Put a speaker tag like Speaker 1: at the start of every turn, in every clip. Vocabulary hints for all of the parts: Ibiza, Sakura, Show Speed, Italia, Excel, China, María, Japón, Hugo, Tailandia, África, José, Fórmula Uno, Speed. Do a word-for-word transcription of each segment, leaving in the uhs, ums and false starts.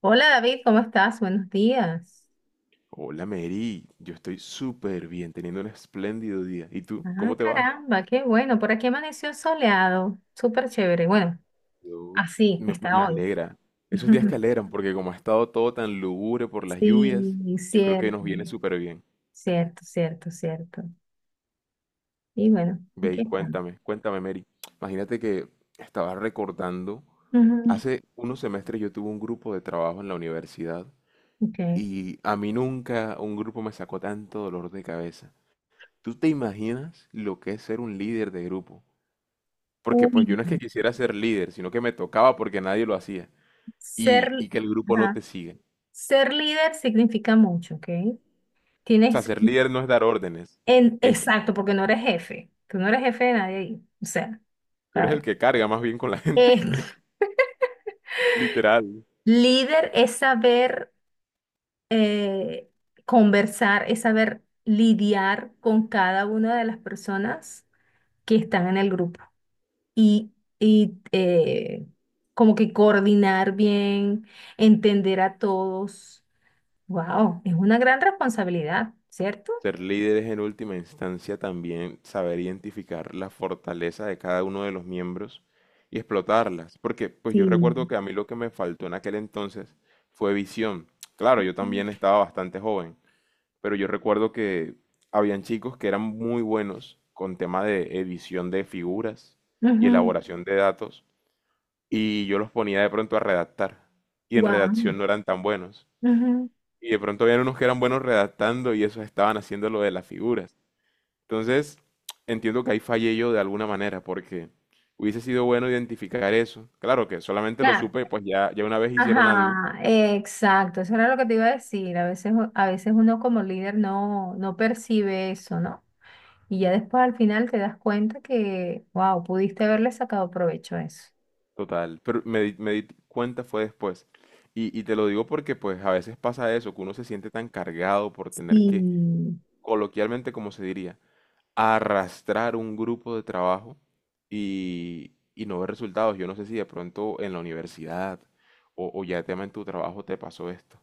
Speaker 1: Hola David, ¿cómo estás? Buenos días.
Speaker 2: Hola Mary, yo estoy súper bien, teniendo un espléndido día. ¿Y tú?
Speaker 1: Ah,
Speaker 2: ¿Cómo te va?
Speaker 1: caramba, qué bueno. Por aquí amaneció soleado, súper chévere. Bueno,
Speaker 2: Yo
Speaker 1: así
Speaker 2: me,
Speaker 1: está
Speaker 2: me
Speaker 1: hoy.
Speaker 2: alegra. Esos días que alegran, porque como ha estado todo tan lúgubre por las lluvias,
Speaker 1: Sí,
Speaker 2: yo creo que
Speaker 1: cierto,
Speaker 2: nos viene súper bien.
Speaker 1: cierto, cierto, cierto. Y bueno,
Speaker 2: Ve y
Speaker 1: aquí estamos.
Speaker 2: cuéntame, cuéntame Mary. Imagínate que estaba recordando,
Speaker 1: Ujú,
Speaker 2: hace unos semestres yo tuve un grupo de trabajo en la universidad
Speaker 1: ok.
Speaker 2: y a mí nunca un grupo me sacó tanto dolor de cabeza. ¿Tú te imaginas lo que es ser un líder de grupo? Porque
Speaker 1: Uy,
Speaker 2: pues yo no es que quisiera ser líder, sino que me tocaba porque nadie lo hacía.
Speaker 1: ser,
Speaker 2: Y, y que el grupo no
Speaker 1: ajá,
Speaker 2: te sigue.
Speaker 1: ser líder significa mucho, ¿ok?
Speaker 2: O sea,
Speaker 1: Tienes,
Speaker 2: ser líder no es dar órdenes.
Speaker 1: en,
Speaker 2: Es,
Speaker 1: exacto, porque no eres jefe. Tú no eres jefe de nadie ahí. O sea,
Speaker 2: tú eres el
Speaker 1: ¿sabes?
Speaker 2: que carga más bien con la gente,
Speaker 1: Eh,
Speaker 2: literal.
Speaker 1: líder es saber eh, conversar, es saber lidiar con cada una de las personas que están en el grupo y, y, eh, como que coordinar bien, entender a todos. Wow, es una gran responsabilidad, ¿cierto?
Speaker 2: Ser líder es en última instancia también saber identificar la fortaleza de cada uno de los miembros y explotarlas. Porque pues yo
Speaker 1: Sí.
Speaker 2: recuerdo que a mí lo que me faltó en aquel entonces fue visión. Claro, yo también estaba bastante joven, pero yo recuerdo que habían chicos que eran muy buenos con tema de edición de figuras y
Speaker 1: Wow.
Speaker 2: elaboración de datos, y yo los ponía de pronto a redactar, y en redacción no eran tan buenos. Y de pronto habían unos que eran buenos redactando y esos estaban haciendo lo de las figuras. Entonces, entiendo que ahí fallé yo de alguna manera, porque hubiese sido bueno identificar eso. Claro que solamente lo
Speaker 1: Claro.
Speaker 2: supe, pues ya, ya una vez hicieron algo.
Speaker 1: Ajá, exacto. Eso era lo que te iba a decir. A veces, a veces uno como líder no, no percibe eso, ¿no? Y ya después al final te das cuenta que, wow, pudiste haberle sacado provecho a eso.
Speaker 2: Total, pero me di, me di cuenta fue después. Y, y te lo digo porque pues a veces pasa eso, que uno se siente tan cargado por tener
Speaker 1: Sí,
Speaker 2: que, coloquialmente como se diría, arrastrar un grupo de trabajo y, y no ver resultados. Yo no sé si de pronto en la universidad o, o ya tema en tu trabajo te pasó esto.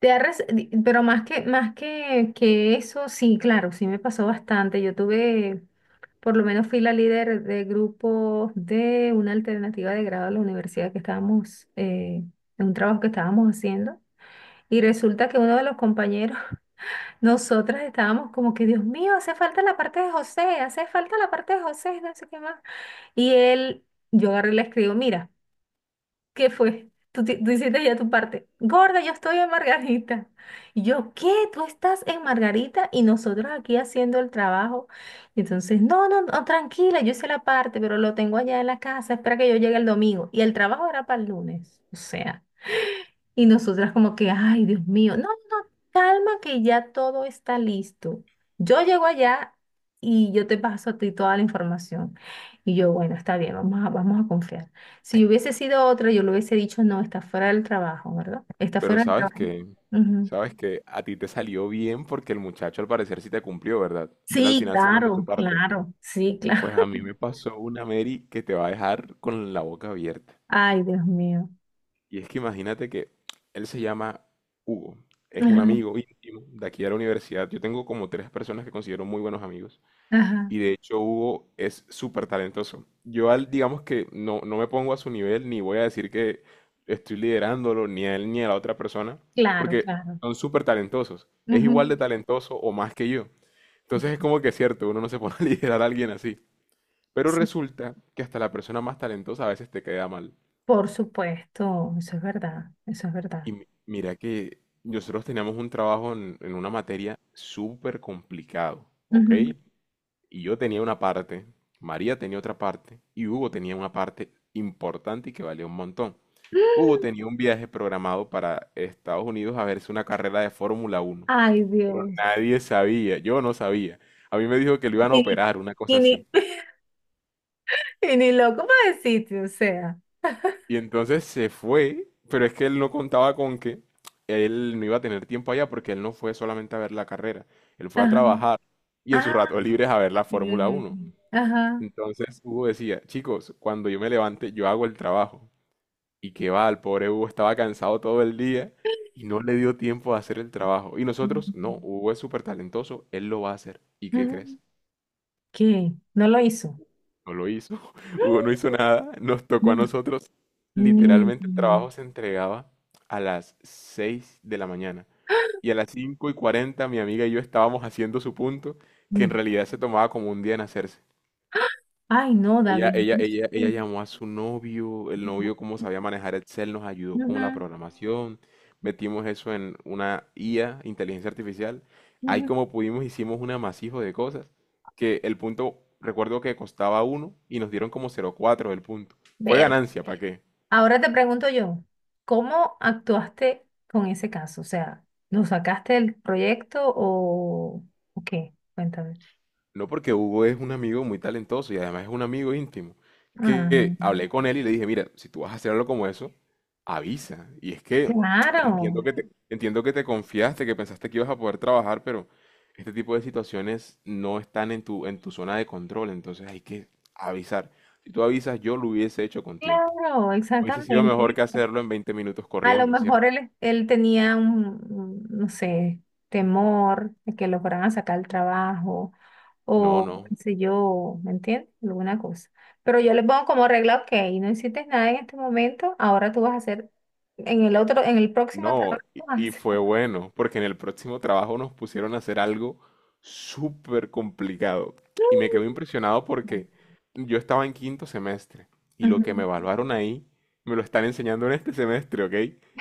Speaker 1: Te ha res- di- pero más que, más que, que eso, sí, claro, sí me pasó bastante. Yo tuve, por lo menos fui la líder de grupos de una alternativa de grado a la universidad que estábamos, eh, en un trabajo que estábamos haciendo. Y resulta que uno de los compañeros. Nosotras estábamos como que, Dios mío, hace falta la parte de José, hace falta la parte de José, no sé qué más. Y él, yo agarré y le escribo, mira, ¿qué fue? Tú, ti- tú hiciste ya tu parte. Gorda, yo estoy en Margarita. Y yo, ¿qué? Tú estás en Margarita y nosotros aquí haciendo el trabajo. Y entonces, no, no, no, tranquila, yo hice la parte, pero lo tengo allá en la casa, espera que yo llegue el domingo. Y el trabajo era para el lunes, o sea. Y nosotras como que, ay, Dios mío, no, no, calma que ya todo está listo. Yo llego allá y yo te paso a ti toda la información. Y yo, bueno, está bien, vamos a, vamos a confiar. Si yo hubiese sido otra, yo le hubiese dicho, no, está fuera del trabajo, ¿verdad? Está
Speaker 2: Pero
Speaker 1: fuera del
Speaker 2: sabes
Speaker 1: trabajo.
Speaker 2: que,
Speaker 1: Ujú.
Speaker 2: sabes que a ti te salió bien porque el muchacho al parecer sí te cumplió, ¿verdad? Él al
Speaker 1: Sí,
Speaker 2: final sí mandó su
Speaker 1: claro,
Speaker 2: parte.
Speaker 1: claro, sí, claro.
Speaker 2: Pues a mí me pasó una Mary que te va a dejar con la boca abierta.
Speaker 1: Ay, Dios mío.
Speaker 2: Y es que imagínate que él se llama Hugo, es un
Speaker 1: Ajá,
Speaker 2: amigo íntimo de aquí de la universidad. Yo tengo como tres personas que considero muy buenos amigos
Speaker 1: ajá.
Speaker 2: y de hecho Hugo es súper talentoso. Yo al, digamos que no, no me pongo a su nivel ni voy a decir que estoy liderándolo ni a él ni a la otra persona
Speaker 1: Claro,
Speaker 2: porque
Speaker 1: claro.
Speaker 2: son súper talentosos. Es igual de
Speaker 1: Ujú,
Speaker 2: talentoso o más que yo.
Speaker 1: ok.
Speaker 2: Entonces es como que es cierto, uno no se pone a liderar a alguien así. Pero
Speaker 1: Sí,
Speaker 2: resulta que hasta la persona más talentosa a veces te queda mal.
Speaker 1: por supuesto, eso es verdad, eso es verdad.
Speaker 2: Y mi- mira que nosotros teníamos un trabajo en, en una materia súper complicado, ¿ok? Y yo tenía una parte, María tenía otra parte y Hugo tenía una parte importante y que valía un montón. Hugo tenía un viaje programado para Estados Unidos a verse una carrera de Fórmula Uno,
Speaker 1: Ay,
Speaker 2: pero
Speaker 1: Dios.
Speaker 2: nadie sabía, yo no sabía. A mí me dijo que lo iban a
Speaker 1: Y, ni-
Speaker 2: operar, una cosa
Speaker 1: y
Speaker 2: así.
Speaker 1: ni- Y ni loco para el sitio, o sea.
Speaker 2: Y entonces se fue, pero es que él no contaba con que él no iba a tener tiempo allá porque él no fue solamente a ver la carrera, él fue a
Speaker 1: Ajá.
Speaker 2: trabajar y en sus
Speaker 1: Ah,
Speaker 2: ratos libres a ver la Fórmula
Speaker 1: sí.
Speaker 2: Uno.
Speaker 1: Ajá.
Speaker 2: Entonces Hugo decía, chicos, cuando yo me levante yo hago el trabajo. Y que va, el pobre Hugo estaba cansado todo el día y no le dio tiempo a hacer el trabajo. Y nosotros, no,
Speaker 1: Mm.
Speaker 2: Hugo es súper talentoso, él lo va a hacer. ¿Y qué
Speaker 1: Ajá.
Speaker 2: crees?
Speaker 1: ¿Qué? ¿No lo hizo?
Speaker 2: No lo hizo, Hugo no hizo nada, nos tocó
Speaker 1: No,
Speaker 2: a nosotros.
Speaker 1: niño.
Speaker 2: Literalmente el trabajo se entregaba a las seis de la mañana y a las cinco y cuarenta mi amiga y yo estábamos haciendo su punto, que en realidad se tomaba como un día en hacerse.
Speaker 1: Ay, no,
Speaker 2: Ella,
Speaker 1: David.
Speaker 2: ella,
Speaker 1: No
Speaker 2: ella, ella
Speaker 1: sé.
Speaker 2: llamó a su novio, el novio como sabía manejar Excel nos ayudó con la
Speaker 1: Ujú,
Speaker 2: programación, metimos eso en una I A, inteligencia artificial, ahí
Speaker 1: ujú.
Speaker 2: como pudimos hicimos un amasijo de cosas, que el punto, recuerdo que costaba uno y nos dieron como cero coma cuatro el punto. Fue
Speaker 1: Ver-
Speaker 2: ganancia, ¿para qué?
Speaker 1: Ahora te pregunto yo, ¿cómo actuaste con ese caso? O sea, ¿lo sacaste del proyecto o, o qué? Cuéntame.
Speaker 2: No, porque Hugo es un amigo muy talentoso y además es un amigo íntimo.
Speaker 1: Ah,
Speaker 2: Que hablé con él y le dije, mira, si tú vas a hacer algo como eso, avisa. Y es que entiendo
Speaker 1: claro,
Speaker 2: que te, entiendo que te confiaste, que pensaste que ibas a poder trabajar, pero este tipo de situaciones no están en tu, en tu zona de control, entonces hay que avisar. Si tú avisas, yo lo hubiese hecho con tiempo.
Speaker 1: claro,
Speaker 2: Hubiese sido
Speaker 1: exactamente.
Speaker 2: mejor que
Speaker 1: ¿Viste?
Speaker 2: hacerlo en veinte minutos
Speaker 1: A lo
Speaker 2: corriendo, ¿cierto?
Speaker 1: mejor él, él tenía un, un, no sé, temor de que lo fueran a sacar el trabajo
Speaker 2: No,
Speaker 1: o
Speaker 2: no.
Speaker 1: qué sé yo, ¿me entiendes? Alguna cosa. Pero yo le pongo como regla, ok, no hiciste nada en este momento, ahora tú vas a hacer, en el otro, en el próximo
Speaker 2: No,
Speaker 1: trabajo
Speaker 2: y
Speaker 1: vas a
Speaker 2: y
Speaker 1: hacer.
Speaker 2: fue bueno, porque en el próximo trabajo nos pusieron a hacer algo súper complicado. Y me quedé impresionado porque yo estaba en quinto semestre y lo que me
Speaker 1: Ujú.
Speaker 2: evaluaron ahí me lo están enseñando en este semestre, ¿ok?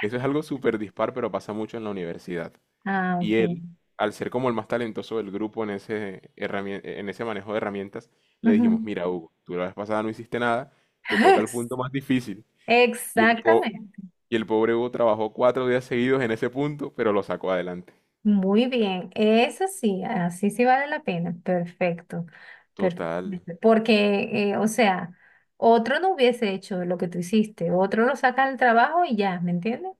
Speaker 2: Eso es algo súper dispar, pero pasa mucho en la universidad.
Speaker 1: Ah,
Speaker 2: Y
Speaker 1: ok.
Speaker 2: él, al ser como el más talentoso del grupo en ese, herramien- en ese manejo de herramientas, le dijimos,
Speaker 1: Ujú.
Speaker 2: mira, Hugo, tú la vez pasada no hiciste nada, te toca el
Speaker 1: Ex-
Speaker 2: punto más difícil. Y el po-
Speaker 1: Exactamente.
Speaker 2: y el pobre Hugo trabajó cuatro días seguidos en ese punto, pero lo sacó adelante.
Speaker 1: Muy bien. Eso sí, así sí vale la pena. Perfecto.
Speaker 2: Total.
Speaker 1: Perfectamente. Porque, eh, o sea, otro no hubiese hecho lo que tú hiciste. Otro lo saca del trabajo y ya, ¿me entiendes?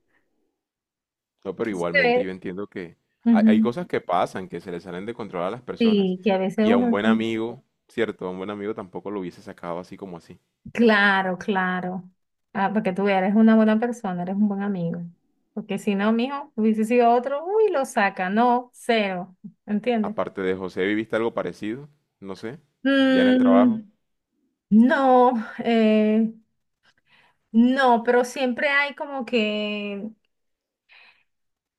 Speaker 2: No, pero
Speaker 1: Eso se
Speaker 2: igualmente
Speaker 1: ve.
Speaker 2: yo entiendo que hay, hay cosas que pasan, que se le salen de control a las personas.
Speaker 1: Sí, que a veces
Speaker 2: Y a un
Speaker 1: uno...
Speaker 2: buen
Speaker 1: no-
Speaker 2: amigo, cierto, a un buen amigo tampoco lo hubiese sacado así como así.
Speaker 1: Claro, claro. Ah, porque tú eres una buena persona, eres un buen amigo. Porque si no, mijo, hubiese sido otro, uy, lo saca. No, cero. ¿Entiendes?
Speaker 2: Aparte de José, ¿viviste algo parecido? No sé, ya en el trabajo.
Speaker 1: Mm, no, eh, no, pero siempre hay como que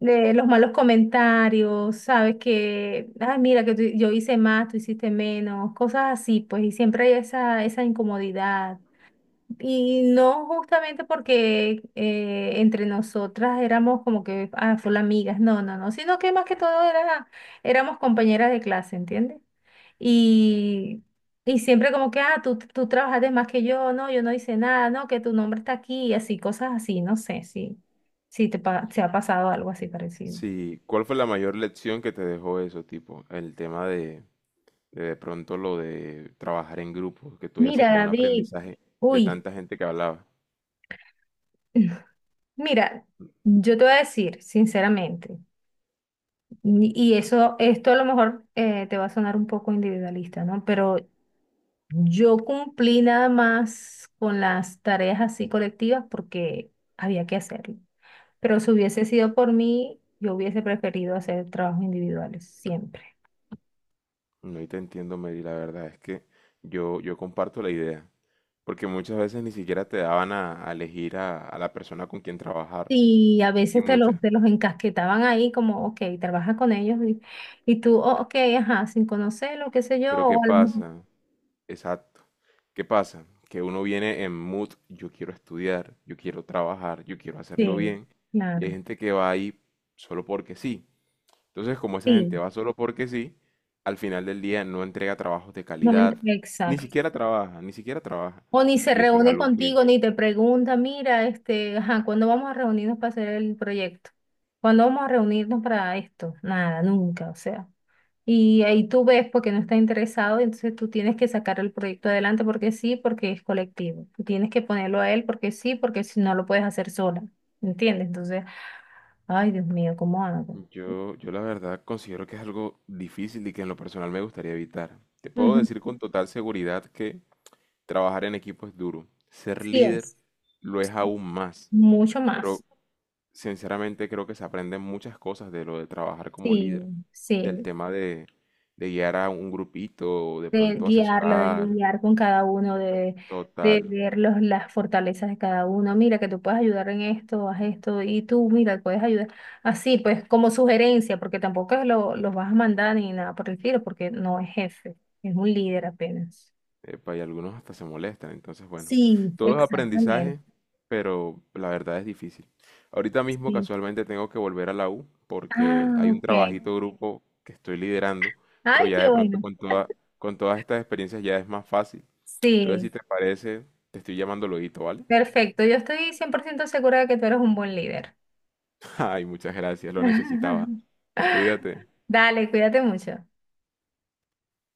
Speaker 1: eh, los malos comentarios, ¿sabes? Que, ay, mira, que tú- yo hice más, tú hiciste menos, cosas así, pues, y siempre hay esa, esa incomodidad. Y no justamente porque eh, entre nosotras éramos como que, ah, full amigas, no, no, no, sino que más que todo era, éramos compañeras de clase, ¿entiendes? Y, y siempre como que, ah, tú, tú trabajaste más que yo, no, yo no hice nada, no, que tu nombre está aquí, y así, cosas así, no sé si, si te, pa- te ha pasado algo así parecido.
Speaker 2: Sí, ¿cuál fue la mayor lección que te dejó eso, tipo? El tema de de, de pronto lo de trabajar en grupo, que tú hayas
Speaker 1: Mira,
Speaker 2: sacado un
Speaker 1: David,
Speaker 2: aprendizaje de
Speaker 1: uy,
Speaker 2: tanta gente que hablaba.
Speaker 1: mira, yo te voy a decir, sinceramente. Y eso, esto a lo mejor eh, te va a sonar un poco individualista, ¿no? Pero yo cumplí nada más con las tareas así colectivas porque había que hacerlo. Pero si hubiese sido por mí, yo hubiese preferido hacer trabajos individuales, siempre.
Speaker 2: No, y te entiendo, Mary, la verdad es que yo, yo comparto la idea, porque muchas veces ni siquiera te daban a, a elegir a, a la persona con quien trabajar,
Speaker 1: Y a
Speaker 2: y
Speaker 1: veces te los,
Speaker 2: muchas,
Speaker 1: te los encasquetaban ahí como, ok, trabaja con ellos y, y tú, "Oh, ok, ajá, sin conocerlo, qué sé yo,
Speaker 2: pero ¿qué
Speaker 1: o a lo mejor...".
Speaker 2: pasa? Exacto, ¿qué pasa? Que uno viene en mood, yo quiero estudiar, yo quiero trabajar, yo quiero hacerlo
Speaker 1: Sí,
Speaker 2: bien, y hay
Speaker 1: claro.
Speaker 2: gente que va ahí solo porque sí. Entonces, como esa gente
Speaker 1: Sí,
Speaker 2: va solo porque sí, al final del día no entrega trabajos de
Speaker 1: no, ent-
Speaker 2: calidad, ni
Speaker 1: exacto.
Speaker 2: siquiera trabaja, ni siquiera trabaja,
Speaker 1: O ni se
Speaker 2: y eso es
Speaker 1: reúne
Speaker 2: algo que...
Speaker 1: contigo, ni te pregunta, mira, este, ajá, ¿cuándo vamos a reunirnos para hacer el proyecto? ¿Cuándo vamos a reunirnos para esto? Nada, nunca, o sea. Y ahí tú ves porque no está interesado, entonces tú tienes que sacar el proyecto adelante porque sí, porque es colectivo. Tú tienes que ponerlo a él porque sí, porque si no lo puedes hacer sola, ¿entiendes? Entonces, ay, Dios mío, ¿cómo hago?
Speaker 2: Yo, yo la verdad considero que es algo difícil y que en lo personal me gustaría evitar. Te puedo
Speaker 1: Ujú.
Speaker 2: decir con total seguridad que trabajar en equipo es duro. Ser
Speaker 1: Sí
Speaker 2: líder
Speaker 1: es,
Speaker 2: lo es aún más.
Speaker 1: mucho
Speaker 2: Pero
Speaker 1: más.
Speaker 2: sinceramente creo que se aprenden muchas cosas de lo de trabajar como
Speaker 1: Sí,
Speaker 2: líder. Del
Speaker 1: sí.
Speaker 2: tema de, de guiar a un grupito, de
Speaker 1: De
Speaker 2: pronto
Speaker 1: guiarlo, de
Speaker 2: asesorar.
Speaker 1: lidiar con cada uno, de, de
Speaker 2: Total.
Speaker 1: ver los, las fortalezas de cada uno. Mira, que tú puedes ayudar en esto, haz esto, y tú, mira, puedes ayudar. Así, pues, como sugerencia, porque tampoco es lo, los vas a mandar ni nada por el estilo, porque no es jefe, es un líder apenas.
Speaker 2: Epa, y algunos hasta se molestan. Entonces, bueno,
Speaker 1: Sí,
Speaker 2: todo es
Speaker 1: exactamente.
Speaker 2: aprendizaje, pero la verdad es difícil. Ahorita mismo
Speaker 1: Sí.
Speaker 2: casualmente tengo que volver a la U porque
Speaker 1: Ah,
Speaker 2: hay un
Speaker 1: ok.
Speaker 2: trabajito grupo que estoy liderando, pero
Speaker 1: Ay,
Speaker 2: ya
Speaker 1: qué
Speaker 2: de pronto
Speaker 1: bueno.
Speaker 2: con toda, con todas estas experiencias ya es más fácil. Entonces, si
Speaker 1: Sí,
Speaker 2: te parece, te estoy llamando luego, ¿vale?
Speaker 1: perfecto. Yo estoy cien por ciento segura de que tú eres un buen líder.
Speaker 2: Ay, muchas gracias, lo necesitaba. Cuídate.
Speaker 1: Dale, cuídate mucho.